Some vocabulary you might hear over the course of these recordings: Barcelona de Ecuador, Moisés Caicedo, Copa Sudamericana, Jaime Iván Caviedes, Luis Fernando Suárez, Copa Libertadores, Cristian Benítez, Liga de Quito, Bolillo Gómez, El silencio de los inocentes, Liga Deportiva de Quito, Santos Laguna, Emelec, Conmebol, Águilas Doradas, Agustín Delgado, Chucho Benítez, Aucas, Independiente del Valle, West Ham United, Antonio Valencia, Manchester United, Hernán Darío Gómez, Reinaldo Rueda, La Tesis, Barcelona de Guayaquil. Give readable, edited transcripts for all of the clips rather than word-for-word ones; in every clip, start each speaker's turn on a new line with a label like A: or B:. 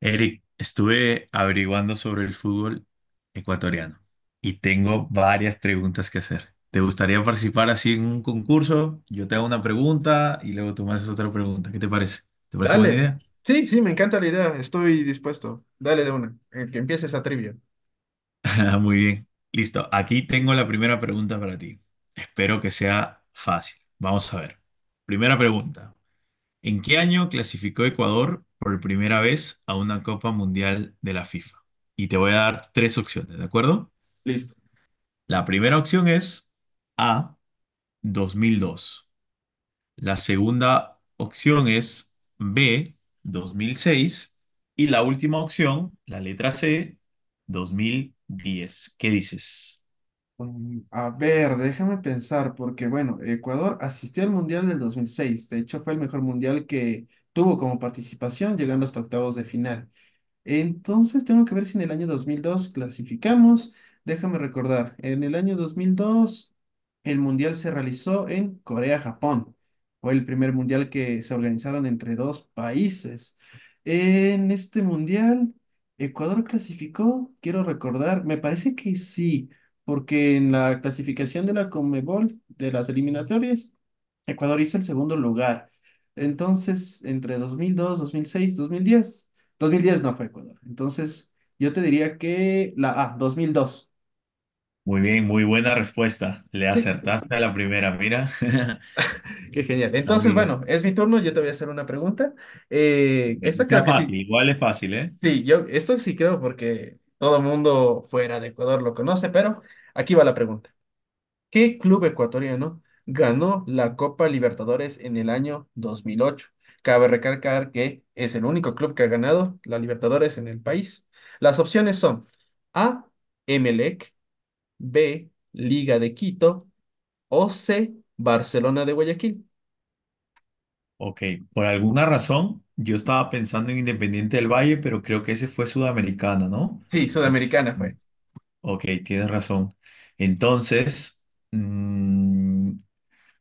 A: Eric, estuve averiguando sobre el fútbol ecuatoriano y tengo varias preguntas que hacer. ¿Te gustaría participar así en un concurso? Yo te hago una pregunta y luego tú me haces otra pregunta. ¿Qué te parece? ¿Te parece buena
B: Dale.
A: idea?
B: Sí, sí, me encanta la idea. Estoy dispuesto. Dale de una. Que empiece esa trivia.
A: Muy bien. Listo. Aquí tengo la primera pregunta para ti. Espero que sea fácil. Vamos a ver. Primera pregunta. ¿En qué año clasificó Ecuador por primera vez a una Copa Mundial de la FIFA? Y te voy a dar tres opciones, ¿de acuerdo?
B: Listo.
A: La primera opción es A, 2002. La segunda opción es B, 2006. Y la última opción, la letra C, 2010. ¿Qué dices?
B: A ver, déjame pensar, porque bueno, Ecuador asistió al Mundial del 2006. De hecho, fue el mejor mundial que tuvo como participación, llegando hasta octavos de final. Entonces tengo que ver si en el año 2002 clasificamos. Déjame recordar, en el año 2002 el mundial se realizó en Corea-Japón. Fue el primer mundial que se organizaron entre dos países. En este mundial, Ecuador clasificó, quiero recordar, me parece que sí, porque en la clasificación de la Conmebol, de las eliminatorias, Ecuador hizo el segundo lugar. Entonces, entre dos dos, dos dos mil seis, diez, 2010 no fue Ecuador. Entonces, yo te diría que la A, 2002.
A: Muy bien, muy buena respuesta. Le
B: Sí,
A: acertaste a la primera, mira. Está
B: qué genial.
A: muy
B: Entonces,
A: bien.
B: bueno, es mi turno. Yo te voy a hacer una pregunta. Eh,
A: Que
B: esta
A: sea
B: creo que
A: fácil,
B: sí.
A: igual es fácil, ¿eh?
B: Sí, yo esto sí creo porque todo el mundo fuera de Ecuador lo conoce, pero aquí va la pregunta. ¿Qué club ecuatoriano ganó la Copa Libertadores en el año 2008? Cabe recalcar que es el único club que ha ganado la Libertadores en el país. Las opciones son A, Emelec, B, Liga de Quito o C, Barcelona de Guayaquil.
A: Ok, por alguna razón yo estaba pensando en Independiente del Valle, pero creo que ese fue Sudamericana, ¿no?
B: Sí,
A: Ok.
B: Sudamericana fue.
A: Ok, tienes razón. Entonces, mm,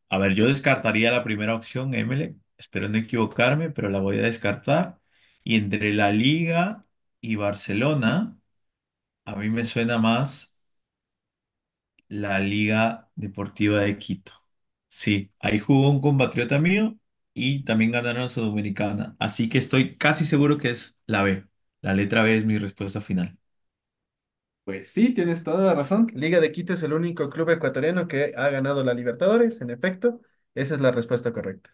A: a ver, yo descartaría la primera opción, Emelec. Espero no equivocarme, pero la voy a descartar. Y entre la Liga y Barcelona, a mí me suena más la Liga Deportiva de Quito. Sí, ahí jugó un compatriota mío y también ganaron la Sudamericana. Así que estoy casi seguro que es la B. La letra B es mi respuesta final.
B: Pues sí, tienes toda la razón. Liga de Quito es el único club ecuatoriano que ha ganado la Libertadores, en efecto. Esa es la respuesta correcta.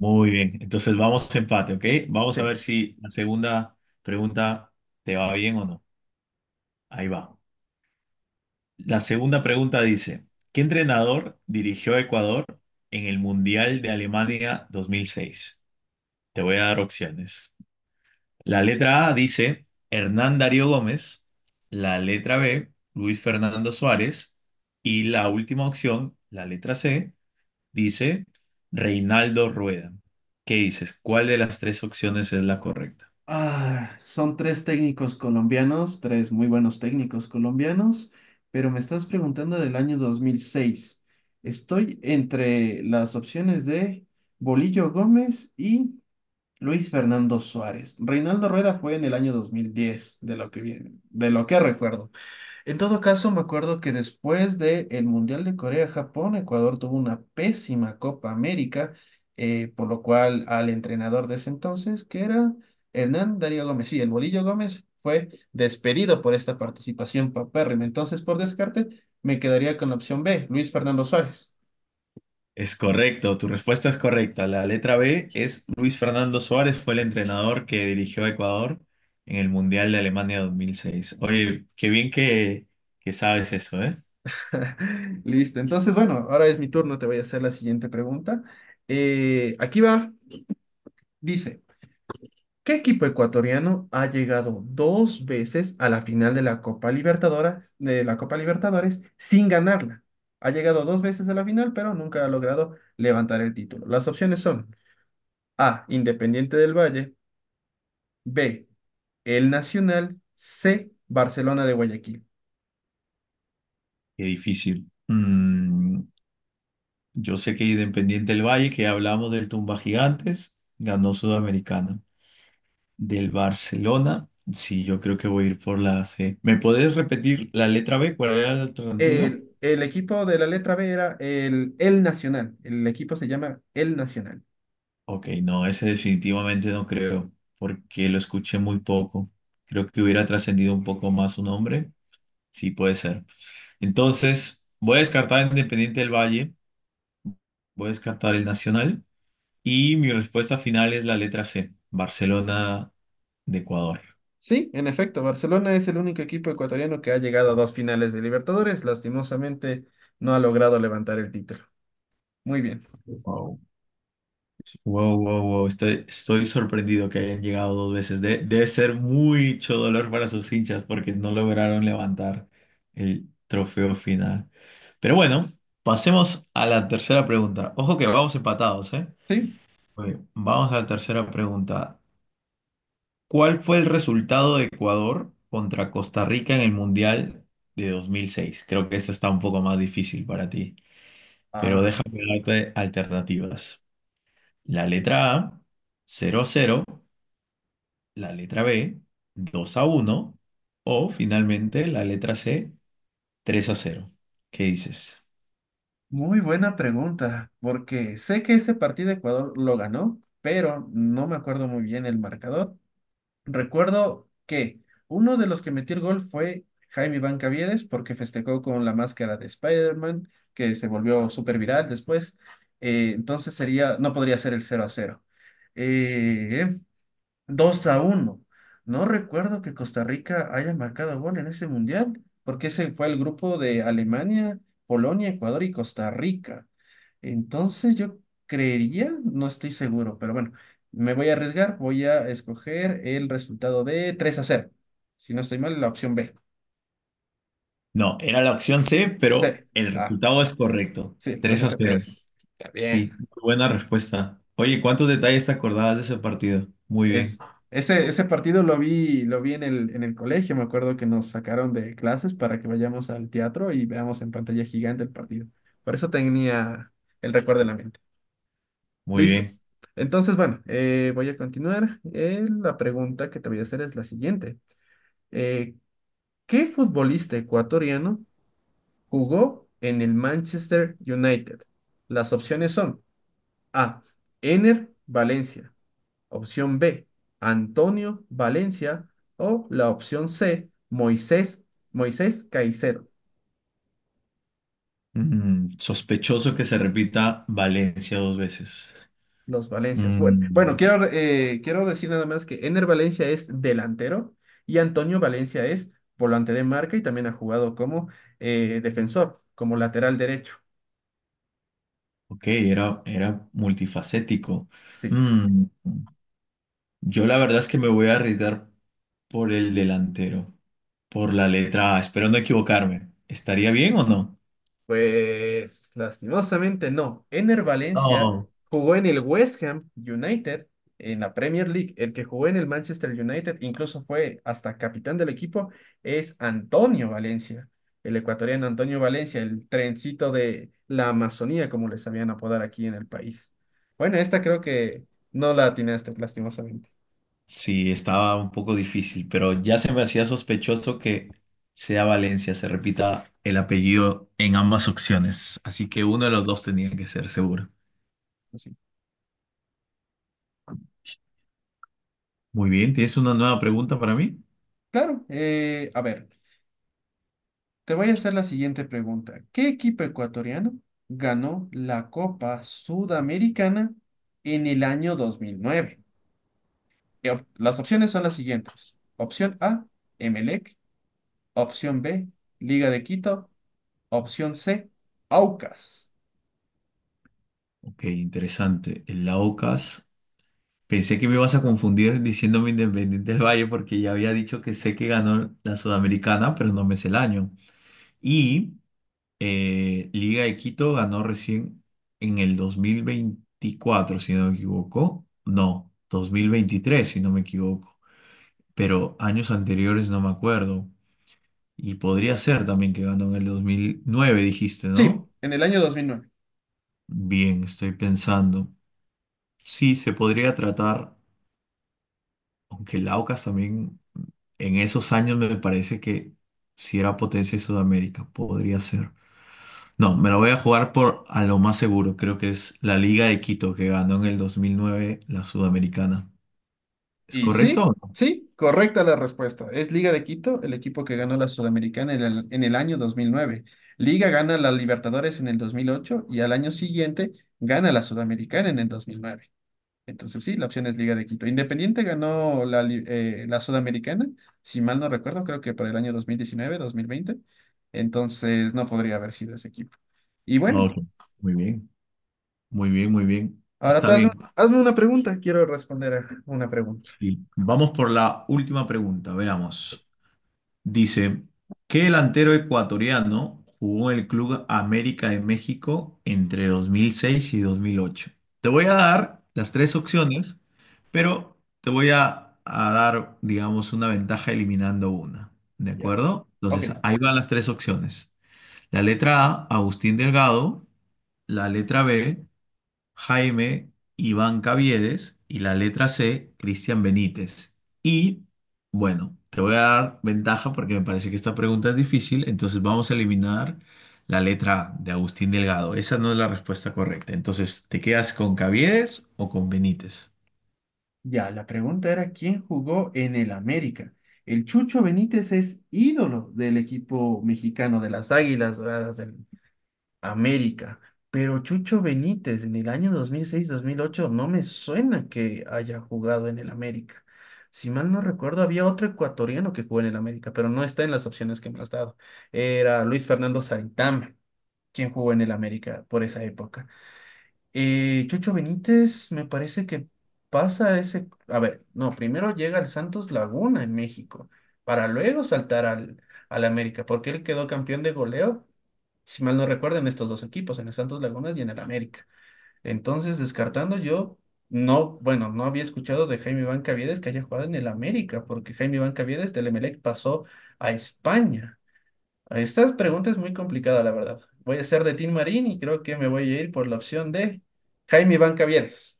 A: Muy bien, entonces vamos a empate, ¿ok? Vamos a
B: Sí.
A: ver si la segunda pregunta te va bien o no. Ahí va. La segunda pregunta dice: ¿qué entrenador dirigió a Ecuador en el Mundial de Alemania 2006? Te voy a dar opciones. La letra A dice Hernán Darío Gómez, la letra B, Luis Fernando Suárez, y la última opción, la letra C, dice Reinaldo Rueda. ¿Qué dices? ¿Cuál de las tres opciones es la correcta?
B: Ah, son tres técnicos colombianos, tres muy buenos técnicos colombianos, pero me estás preguntando del año 2006. Estoy entre las opciones de Bolillo Gómez y Luis Fernando Suárez. Reinaldo Rueda fue en el año 2010, de lo que recuerdo. En todo caso, me acuerdo que después del Mundial de Corea-Japón, Ecuador tuvo una pésima Copa América, por lo cual al entrenador de ese entonces, que era Hernán Darío Gómez, sí, el Bolillo Gómez, fue despedido por esta participación papérrima. Entonces, por descarte, me quedaría con la opción B, Luis Fernando Suárez.
A: Es correcto, tu respuesta es correcta. La letra B es Luis Fernando Suárez, fue el entrenador que dirigió a Ecuador en el Mundial de Alemania 2006. Oye, qué bien que sabes eso, ¿eh?
B: Listo, entonces, bueno, ahora es mi turno, te voy a hacer la siguiente pregunta. Aquí va, dice. ¿Qué equipo ecuatoriano ha llegado dos veces a la final de la Copa Libertadores, de la Copa Libertadores sin ganarla? Ha llegado dos veces a la final, pero nunca ha logrado levantar el título. Las opciones son A, Independiente del Valle, B, El Nacional, C, Barcelona de Guayaquil.
A: Qué difícil. Yo sé que Independiente del Valle, que hablamos del Tumba Gigantes, ganó Sudamericana. Del Barcelona, sí, yo creo que voy a ir por la C. ¿Me podés repetir la letra B? ¿Cuál era el alternativo?
B: El equipo de la letra B era el Nacional. El equipo se llama El Nacional.
A: Ok, no, ese definitivamente no creo, porque lo escuché muy poco. Creo que hubiera trascendido un poco más su nombre. Sí, puede ser. Entonces, voy a descartar Independiente del Valle, voy a descartar el Nacional y mi respuesta final es la letra C, Barcelona de Ecuador.
B: Sí, en efecto, Barcelona es el único equipo ecuatoriano que ha llegado a dos finales de Libertadores. Lastimosamente, no ha logrado levantar el título. Muy bien.
A: Wow, wow, wow, estoy sorprendido que hayan llegado dos veces. Debe ser mucho dolor para sus hinchas porque no lograron levantar el trofeo final. Pero bueno, pasemos a la tercera pregunta. Ojo que vamos empatados, ¿eh?
B: Sí.
A: Oye, vamos a la tercera pregunta. ¿Cuál fue el resultado de Ecuador contra Costa Rica en el Mundial de 2006? Creo que esta está un poco más difícil para ti, pero
B: Ah,
A: déjame darte alternativas. La letra A, cero a cero. La letra B, 2 a uno, o finalmente la letra C, 3 a cero. ¿Qué dices?
B: muy buena pregunta, porque sé que ese partido Ecuador lo ganó, pero no me acuerdo muy bien el marcador. Recuerdo que uno de los que metió el gol fue Jaime Iván Caviedes, porque festejó con la máscara de Spider-Man, que se volvió súper viral después. Entonces sería, no podría ser el cero a cero. Eh, 2 a uno. No recuerdo que Costa Rica haya marcado gol en ese mundial, porque ese fue el grupo de Alemania, Polonia, Ecuador y Costa Rica. Entonces yo creería, no estoy seguro, pero bueno, me voy a arriesgar, voy a escoger el resultado de 3 a cero. Si no estoy mal, la opción B.
A: No, era la opción C,
B: C.
A: pero el
B: Ah,
A: resultado es correcto,
B: sí, 3
A: 3
B: a
A: a
B: cero.
A: cero.
B: Es. Está bien.
A: Sí, muy buena respuesta. Oye, ¿cuántos detalles te acordabas de ese partido? Muy
B: Es,
A: bien,
B: ese partido lo vi en el colegio. Me acuerdo que nos sacaron de clases para que vayamos al teatro y veamos en pantalla gigante el partido. Por eso tenía el recuerdo en la mente.
A: muy
B: Listo.
A: bien.
B: Entonces, bueno, voy a continuar. La pregunta que te voy a hacer es la siguiente. Eh, ¿qué futbolista ecuatoriano jugó en el Manchester United? Las opciones son A, Ener Valencia. Opción B, Antonio Valencia. O la opción C, Moisés Caicedo.
A: Sospechoso que se repita Valencia dos veces.
B: Los Valencias. Bueno, bueno,
A: Mm,
B: quiero, quiero decir nada más que Ener Valencia es delantero y Antonio Valencia es volante de marca y también ha jugado como defensor, como lateral derecho.
A: ok, era multifacético.
B: Sí.
A: Mm, Yo la verdad es que me voy a arriesgar por el delantero, por la letra A, espero no equivocarme. ¿Estaría bien o no?
B: Pues lastimosamente no. Ener Valencia
A: No.
B: jugó en el West Ham United, en la Premier League. El que jugó en el Manchester United, incluso fue hasta capitán del equipo, es Antonio Valencia, el ecuatoriano Antonio Valencia, el trencito de la Amazonía, como les sabían apodar aquí en el país. Bueno, esta creo que no la atinaste, lastimosamente.
A: Sí, estaba un poco difícil, pero ya se me hacía sospechoso que sea Valencia, se repita el apellido en ambas opciones, así que uno de los dos tenía que ser seguro.
B: Así.
A: Muy bien, ¿tienes una nueva pregunta para mí?
B: Claro, a ver. Te voy a hacer la siguiente pregunta. ¿Qué equipo ecuatoriano ganó la Copa Sudamericana en el año 2009? Las opciones son las siguientes. Opción A, Emelec. Opción B, Liga de Quito. Opción C, Aucas.
A: Ok, interesante. El Laucas. Pensé que me ibas a confundir diciéndome Independiente del Valle porque ya había dicho que sé que ganó la Sudamericana, pero no me sé el año. Y Liga de Quito ganó recién en el 2024, si no me equivoco. No, 2023, si no me equivoco. Pero años anteriores no me acuerdo. Y podría ser también que ganó en el 2009, dijiste,
B: Sí,
A: ¿no?
B: en el año 2009.
A: Bien, estoy pensando. Sí, se podría tratar. Aunque el Aucas también en esos años me parece que si era potencia de Sudamérica, podría ser. No, me lo voy a jugar por a lo más seguro. Creo que es la Liga de Quito que ganó en el 2009 la Sudamericana. ¿Es
B: Y
A: correcto
B: sí,
A: o no?
B: sí, correcta la respuesta. Es Liga de Quito, el equipo que ganó la Sudamericana en el año 2009. Liga gana la Libertadores en el 2008 y al año siguiente gana la Sudamericana en el 2009. Entonces sí, la opción es Liga de Quito. Independiente ganó la Sudamericana, si mal no recuerdo, creo que para el año dos mil diecinueve, 2020. Entonces no podría haber sido ese equipo. Y
A: Ah,
B: bueno,
A: ok. Muy bien, muy bien, muy bien.
B: ahora
A: Está
B: tú hazme,
A: bien.
B: hazme una pregunta. Quiero responder a una pregunta.
A: Sí. Vamos por la última pregunta, veamos. Dice, ¿qué delantero ecuatoriano jugó en el Club América de México entre 2006 y 2008? Te voy a dar las tres opciones, pero te voy a dar, digamos, una ventaja eliminando una, ¿de
B: Ya.
A: acuerdo?
B: Ok.
A: Entonces, ahí van las tres opciones. La letra A, Agustín Delgado, la letra B, Jaime Iván Caviedes, y la letra C, Cristian Benítez. Y bueno, te voy a dar ventaja porque me parece que esta pregunta es difícil, entonces vamos a eliminar la letra A de Agustín Delgado. Esa no es la respuesta correcta. Entonces, ¿te quedas con Caviedes o con Benítez?
B: Ya, la pregunta era quién jugó en el América. El Chucho Benítez es ídolo del equipo mexicano de las Águilas Doradas del América, pero Chucho Benítez en el año 2006-2008 no me suena que haya jugado en el América. Si mal no recuerdo, había otro ecuatoriano que jugó en el América, pero no está en las opciones que me has dado. Era Luis Fernando Saritama, quien jugó en el América por esa época. Chocho Benítez, me parece que a ver, no, primero llega al Santos Laguna en México, para luego saltar al América, porque él quedó campeón de goleo, si mal no recuerdo, en estos dos equipos, en el Santos Laguna y en el América. Entonces, descartando yo, no, bueno, no había escuchado de Jaime Bancavides que haya jugado en el América, porque Jaime Bancavides del Emelec pasó a España. Estas preguntas es muy complicada, la verdad. Voy a ser de Tim Marín y creo que me voy a ir por la opción de Jaime Iván Cavieres.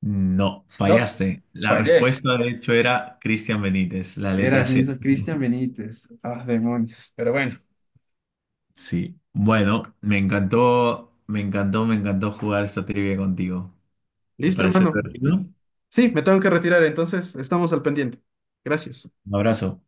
A: No,
B: No,
A: fallaste. La
B: fallé.
A: respuesta de hecho era Cristian Benítez, la
B: Era
A: letra
B: el
A: C.
B: mismo Cristian Benítez. Ah, demonios. Pero bueno,
A: Sí. Bueno, me encantó, me encantó, me encantó jugar esta trivia contigo. ¿Te
B: listo,
A: pareció
B: hermano.
A: divertido?
B: Sí, me tengo que retirar, entonces estamos al pendiente. Gracias.
A: Un abrazo.